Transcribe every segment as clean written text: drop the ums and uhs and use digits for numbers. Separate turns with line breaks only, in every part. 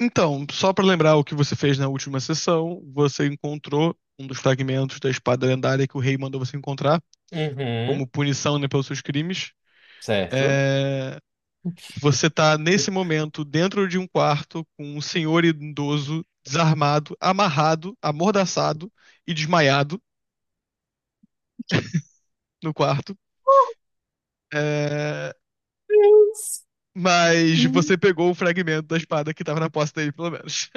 Então, só para lembrar o que você fez na última sessão, você encontrou um dos fragmentos da espada lendária que o rei mandou você encontrar, como
Uhum,
punição, né, pelos seus crimes.
certo.
É, Você está nesse momento, dentro de um quarto com um senhor idoso, desarmado, amarrado, amordaçado e desmaiado no quarto. É,
Deus.
Mas
Uhum.
você pegou o fragmento da espada que estava na posse dele, pelo menos.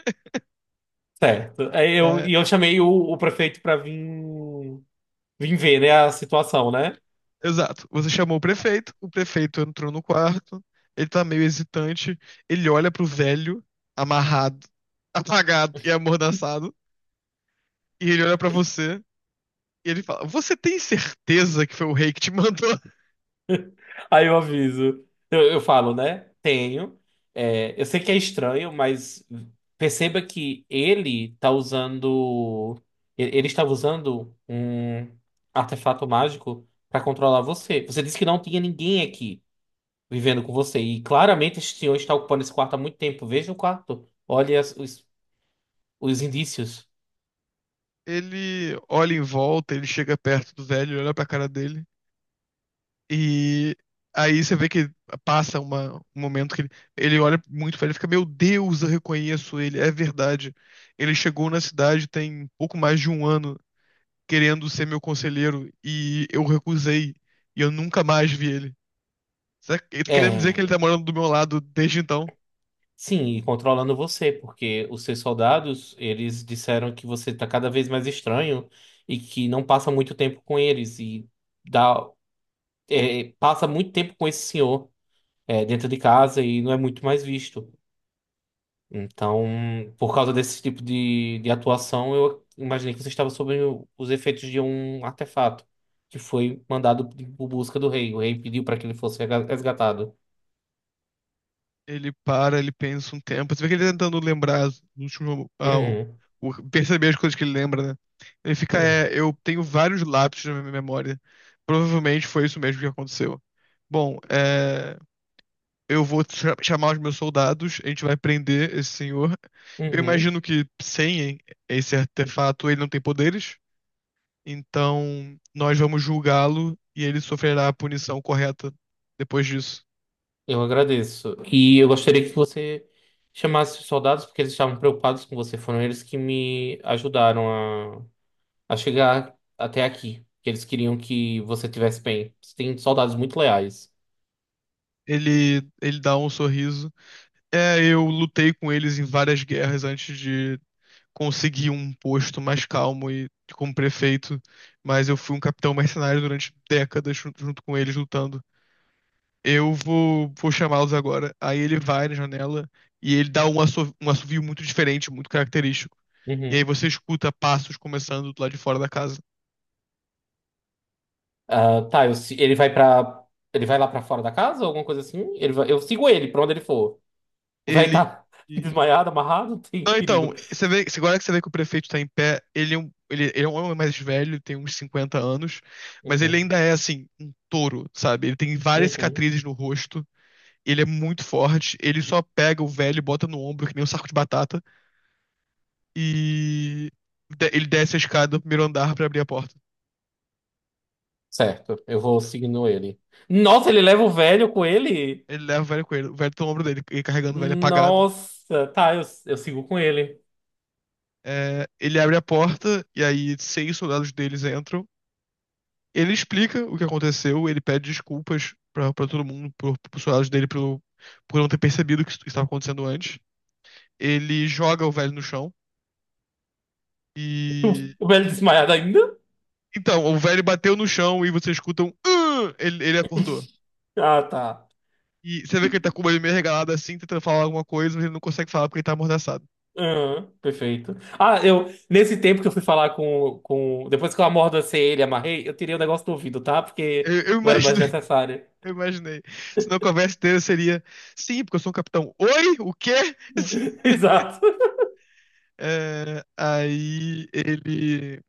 Certo. Aí eu, e eu chamei o prefeito pra vir, vir ver, né, a situação, né?
Exato. Você chamou o prefeito entrou no quarto, ele tá meio hesitante, ele olha pro velho, amarrado, apagado e amordaçado, e ele olha pra você e ele fala: Você tem certeza que foi o rei que te mandou?
Aí eu aviso. Eu falo, né? Tenho. É, eu sei que é estranho, mas perceba que ele tá usando. Ele estava usando um artefato mágico para controlar você. Você disse que não tinha ninguém aqui vivendo com você. E claramente esse senhor está ocupando esse quarto há muito tempo. Veja o quarto. Olha os indícios.
Ele olha em volta, ele chega perto do velho. Ele olha pra cara dele, e aí você vê que passa um momento que ele olha muito pra ele e fica: Meu Deus, eu reconheço ele, é verdade. Ele chegou na cidade tem pouco mais de um ano, querendo ser meu conselheiro e eu recusei e eu nunca mais vi ele. Será que ele tá querendo me dizer que ele
É.
tá morando do meu lado desde então?
Sim, e controlando você, porque os seus soldados, eles disseram que você tá cada vez mais estranho e que não passa muito tempo com eles e dá, é, passa muito tempo com esse senhor, é, dentro de casa e não é muito mais visto. Então, por causa desse tipo de atuação, eu imaginei que você estava sob os efeitos de um artefato que foi mandado por busca do rei. O rei pediu para que ele fosse resgatado.
Ele para, ele pensa um tempo. Você vê que ele tá tentando lembrar os últimos,
Uhum.
perceber as coisas que ele lembra, né? Ele fica, eu tenho vários lapsos na minha memória. Provavelmente foi isso mesmo que aconteceu. Bom, eu vou chamar os meus soldados, a gente vai prender esse senhor. Eu
Uhum.
imagino que sem esse artefato ele não tem poderes. Então, nós vamos julgá-lo e ele sofrerá a punição correta depois disso.
Eu agradeço. E eu gostaria que você chamasse os soldados, porque eles estavam preocupados com você. Foram eles que me ajudaram a, a chegar até aqui. Que eles queriam que você tivesse bem. Você tem soldados muito leais.
Ele dá um sorriso. É, eu lutei com eles em várias guerras antes de conseguir um posto mais calmo e como prefeito, mas eu fui um capitão mercenário durante décadas junto com eles lutando. Eu vou chamá-los agora. Aí ele vai na janela e ele dá um um assovio muito diferente, muito característico. E aí
Uhum.
você escuta passos começando do lado de fora da casa.
Ah, tá, eu se- ele vai lá pra fora da casa, alguma coisa assim? Eu sigo ele pra onde ele for. Vai
Ele
estar desmaiado, amarrado, não
Não,
tem
então,
perigo.
você vê, agora que você vê que o prefeito tá em pé, ele é um homem mais velho, tem uns 50 anos, mas ele
Uhum.
ainda é, assim, um touro, sabe? Ele tem várias
Uhum.
cicatrizes no rosto, ele é muito forte, ele só pega o velho e bota no ombro, que nem um saco de batata, e ele desce a escada do primeiro andar pra abrir a porta.
Certo, eu vou seguindo ele. Nossa, ele leva o velho com ele?
Ele leva o velho com ele, o velho tá no ombro dele, ele carregando o velho apagado.
Nossa, tá, eu sigo com ele.
É, ele abre a porta, e aí seis soldados deles entram. Ele explica o que aconteceu, ele pede desculpas pra todo mundo, pros soldados dele, pelo, por não ter percebido o que isso estava acontecendo antes. Ele joga o velho no chão e.
O Belo desmaiado ainda?
Então, o velho bateu no chão e você escuta um. "Ah!" Ele acordou.
Ah, tá.
E você vê que ele tá com o olho meio regalado assim, tentando falar alguma coisa, mas ele não consegue falar porque ele tá amordaçado.
Aham, perfeito. Ah, eu, nesse tempo que eu fui falar com, com. Depois que eu amordacei ele, e amarrei, eu tirei o negócio do ouvido, tá? Porque
Eu
não era mais
imaginei,
necessário.
eu imaginei. Senão a conversa inteira seria: sim, porque eu sou um capitão. Oi? O quê?
Exato.
É, aí ele.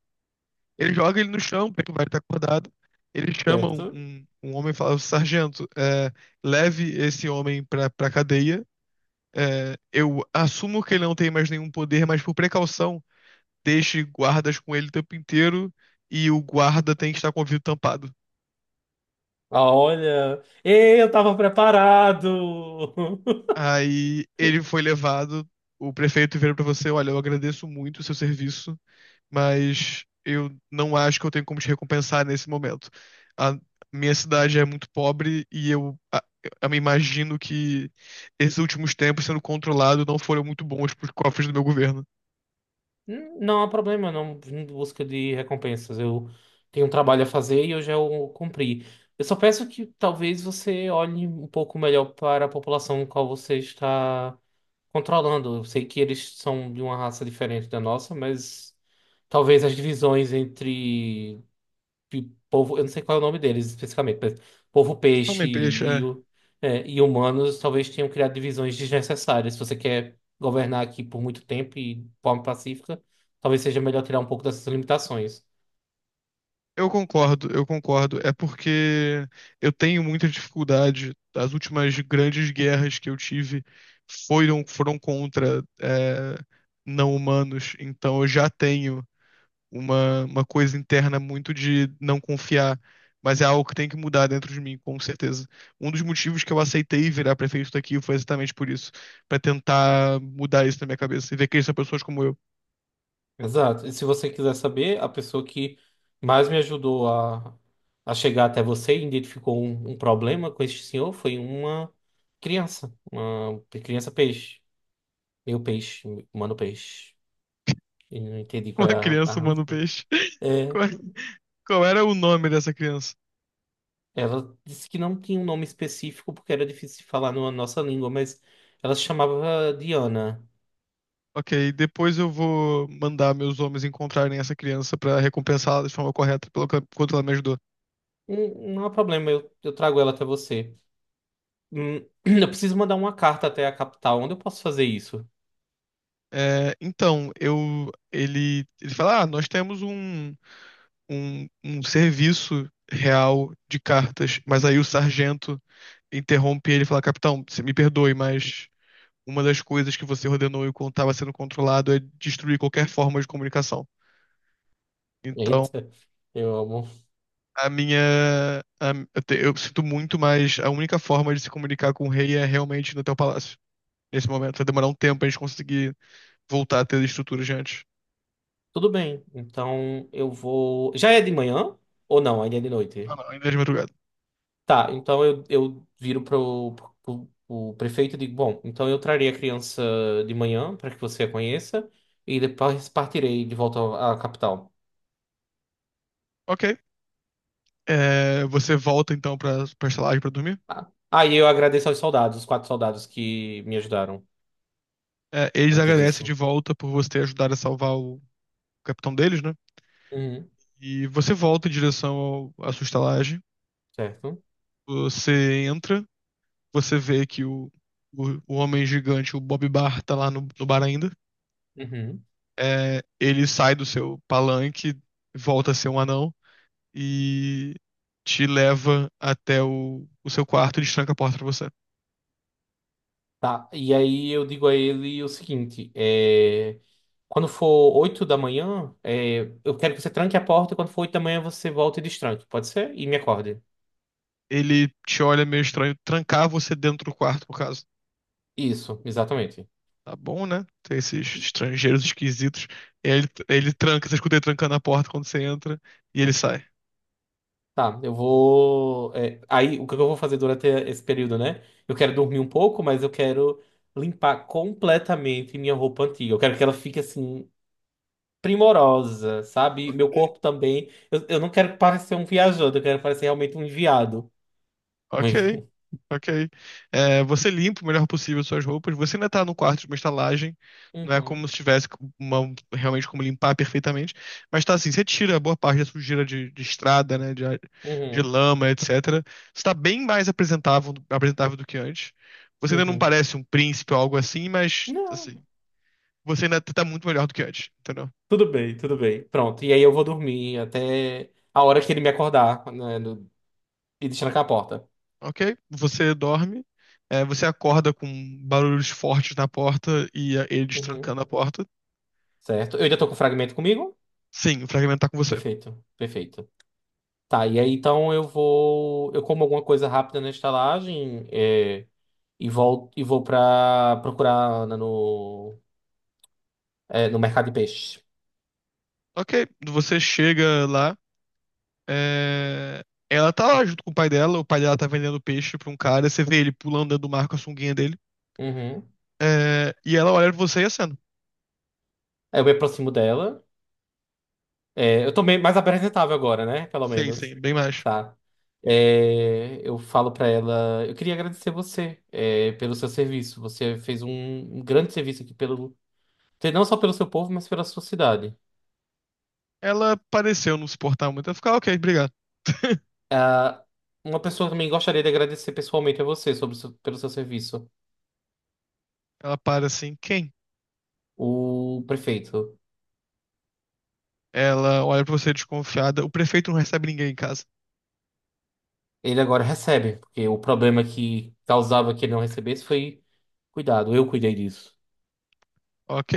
Ele joga ele no chão, porque o velho tá acordado. Ele chama um,
Certo.
um, um homem e fala: Sargento, leve esse homem pra cadeia. É, eu assumo que ele não tem mais nenhum poder, mas por precaução, deixe guardas com ele o tempo inteiro e o guarda tem que estar com o ouvido tampado.
Ah, olha. Ei, eu tava preparado.
Aí ele foi levado, o prefeito virou pra você, olha, eu agradeço muito o seu serviço, mas eu não acho que eu tenho como te recompensar nesse momento. A minha cidade é muito pobre e eu me imagino que esses últimos tempos sendo controlado não foram muito bons pros cofres do meu governo.
Não há problema, não vim em busca de recompensas. Eu tenho um trabalho a fazer e eu já o cumpri. Eu só peço que talvez você olhe um pouco melhor para a população com a qual você está controlando. Eu sei que eles são de uma raça diferente da nossa, mas talvez as divisões entre de povo, eu não sei qual é o nome deles especificamente, mas povo peixe
Homem peixe.
e é, e humanos talvez tenham criado divisões desnecessárias. Se você quer governar aqui por muito tempo e de forma pacífica, talvez seja melhor tirar um pouco dessas limitações.
Eu concordo, eu concordo. É porque eu tenho muita dificuldade. As últimas grandes guerras que eu tive foram contra não humanos. Então eu já tenho uma coisa interna muito de não confiar. Mas é algo que tem que mudar dentro de mim, com certeza. Um dos motivos que eu aceitei virar prefeito daqui foi exatamente por isso, pra tentar mudar isso na minha cabeça e ver que são pessoas como eu.
Exato. E se você quiser saber, a pessoa que mais me ajudou a chegar até você e identificou um problema com este senhor foi uma criança peixe, meu peixe, humano peixe. Eu não entendi
Uma
qual é
criança
a...
humano peixe.
É,
Qual, qual era o nome dessa criança?
ela disse que não tinha um nome específico porque era difícil de falar na nossa língua, mas ela se chamava Diana.
Ok, depois eu vou mandar meus homens encontrarem essa criança pra recompensá-la de forma correta pelo quanto ela me ajudou.
Não há problema, eu trago ela até você. Hum, Eu preciso mandar uma carta até a capital. Onde eu posso fazer isso?
É, então, ele fala, ah, nós temos um serviço real de cartas, mas aí o sargento interrompe ele e fala, capitão, você me perdoe, mas uma das coisas que você ordenou enquanto estava sendo controlado é destruir qualquer forma de comunicação. Então,
Eita, eu amo.
a minha. Eu sinto muito, mas a única forma de se comunicar com o rei é realmente no teu palácio. Nesse momento. Vai demorar um tempo a gente conseguir voltar a ter as estruturas de antes.
Tudo bem, então eu vou. Já é de manhã? Ou não? Ainda é de
Ah,
noite?
não, ainda é de madrugada.
Tá, então eu viro pro, pro prefeito e digo: Bom, então eu trarei a criança de manhã para que você a conheça e depois partirei de volta à capital.
Ok. É, você volta então pra estalagem pra dormir.
Aí eu agradeço aos soldados, os quatro soldados que me ajudaram
É, eles
antes
agradecem de
disso.
volta por você ter ajudado a salvar o capitão deles, né?
Uhum,
E você volta em direção ao, à sua estalagem.
certo.
Você entra, você vê que o homem gigante, o Bob Barr, tá lá no bar ainda.
Uhum.
É, ele sai do seu palanque, volta a ser um anão e te leva até o seu quarto e destranca a porta pra você.
Tá. E aí eu digo a ele o seguinte: é, quando for oito da manhã, é, eu quero que você tranque a porta. Quando for oito da manhã, você volta e destranque, pode ser? E me acorde.
Ele te olha meio estranho, trancar você dentro do quarto, por caso.
Isso, exatamente.
Tá bom, né? Tem esses
E-
estrangeiros esquisitos. Ele tranca, você escuta ele trancando a porta quando você entra e ele sai.
tá, eu vou. É, aí o que eu vou fazer durante esse período, né? Eu quero dormir um pouco, mas eu quero limpar completamente minha roupa antiga. Eu quero que ela fique assim. Primorosa, sabe? Meu corpo também. Eu não quero parecer um viajante, eu quero parecer realmente um enviado. Um
Ok,
envi-
ok. É, você limpa o melhor possível suas roupas. Você ainda tá no quarto de uma estalagem. Não é
Uhum,
como se tivesse realmente como limpar perfeitamente. Mas tá assim, você tira boa parte da sujeira de estrada, né? De
uhum,
lama, etc. Você tá bem mais apresentável, apresentável do que antes. Você ainda não
uhum.
parece um príncipe ou algo assim, mas assim,
Não,
você ainda tá muito melhor do que antes, entendeu?
tudo bem, tudo bem. Pronto, e aí eu vou dormir até a hora que ele me acordar, né, no- e deixar com a porta.
Ok? Você dorme. É, você acorda com barulhos fortes na porta e é, eles
Uhum,
trancando a porta.
certo? Eu ainda tô com o fragmento comigo?
Sim, o fragmento tá com você.
Perfeito, perfeito. Tá, e aí então eu vou. Eu como alguma coisa rápida na estalagem é, e volto e vou pra procurar a Ana no, é, no mercado de peixe.
Ok, você chega lá, é, ela tá lá junto com o pai dela tá vendendo peixe pra um cara, você vê ele pulando dentro do mar com a sunguinha dele,
Uhum.
é, e ela olha pra você e acena.
Aí eu me aproximo dela. É, eu tô meio mais apresentável agora, né? Pelo
Sim,
menos.
sim, bem mais.
Tá. É, eu falo pra ela, eu queria agradecer você, é, pelo seu serviço. Você fez um grande serviço aqui pelo, não só pelo seu povo, mas pela sua cidade.
Ela pareceu não se portar muito, ela fica, "Ah, ok, obrigado."
Ah, uma pessoa também gostaria de agradecer pessoalmente a você sobre pelo seu serviço.
Ela para assim, quem?
O prefeito,
Ela olha pra você desconfiada, o prefeito não recebe ninguém em casa.
ele agora recebe, porque o problema que causava que ele não recebesse foi cuidado. Eu cuidei disso.
Ok,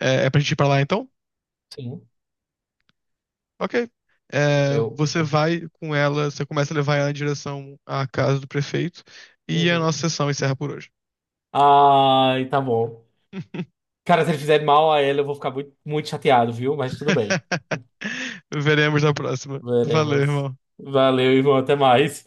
é, é pra gente ir pra lá então?
Sim,
Ok. É,
eu.
você
Uhum,
vai com ela, você começa a levar ela em direção à casa do prefeito e a
uhum.
nossa sessão encerra por hoje.
Ai, tá bom. Cara, se ele fizer mal a ela, eu vou ficar muito, muito chateado, viu? Mas tudo bem.
Veremos na próxima. Valeu,
Veremos.
irmão.
Valeu, irmão. Até mais.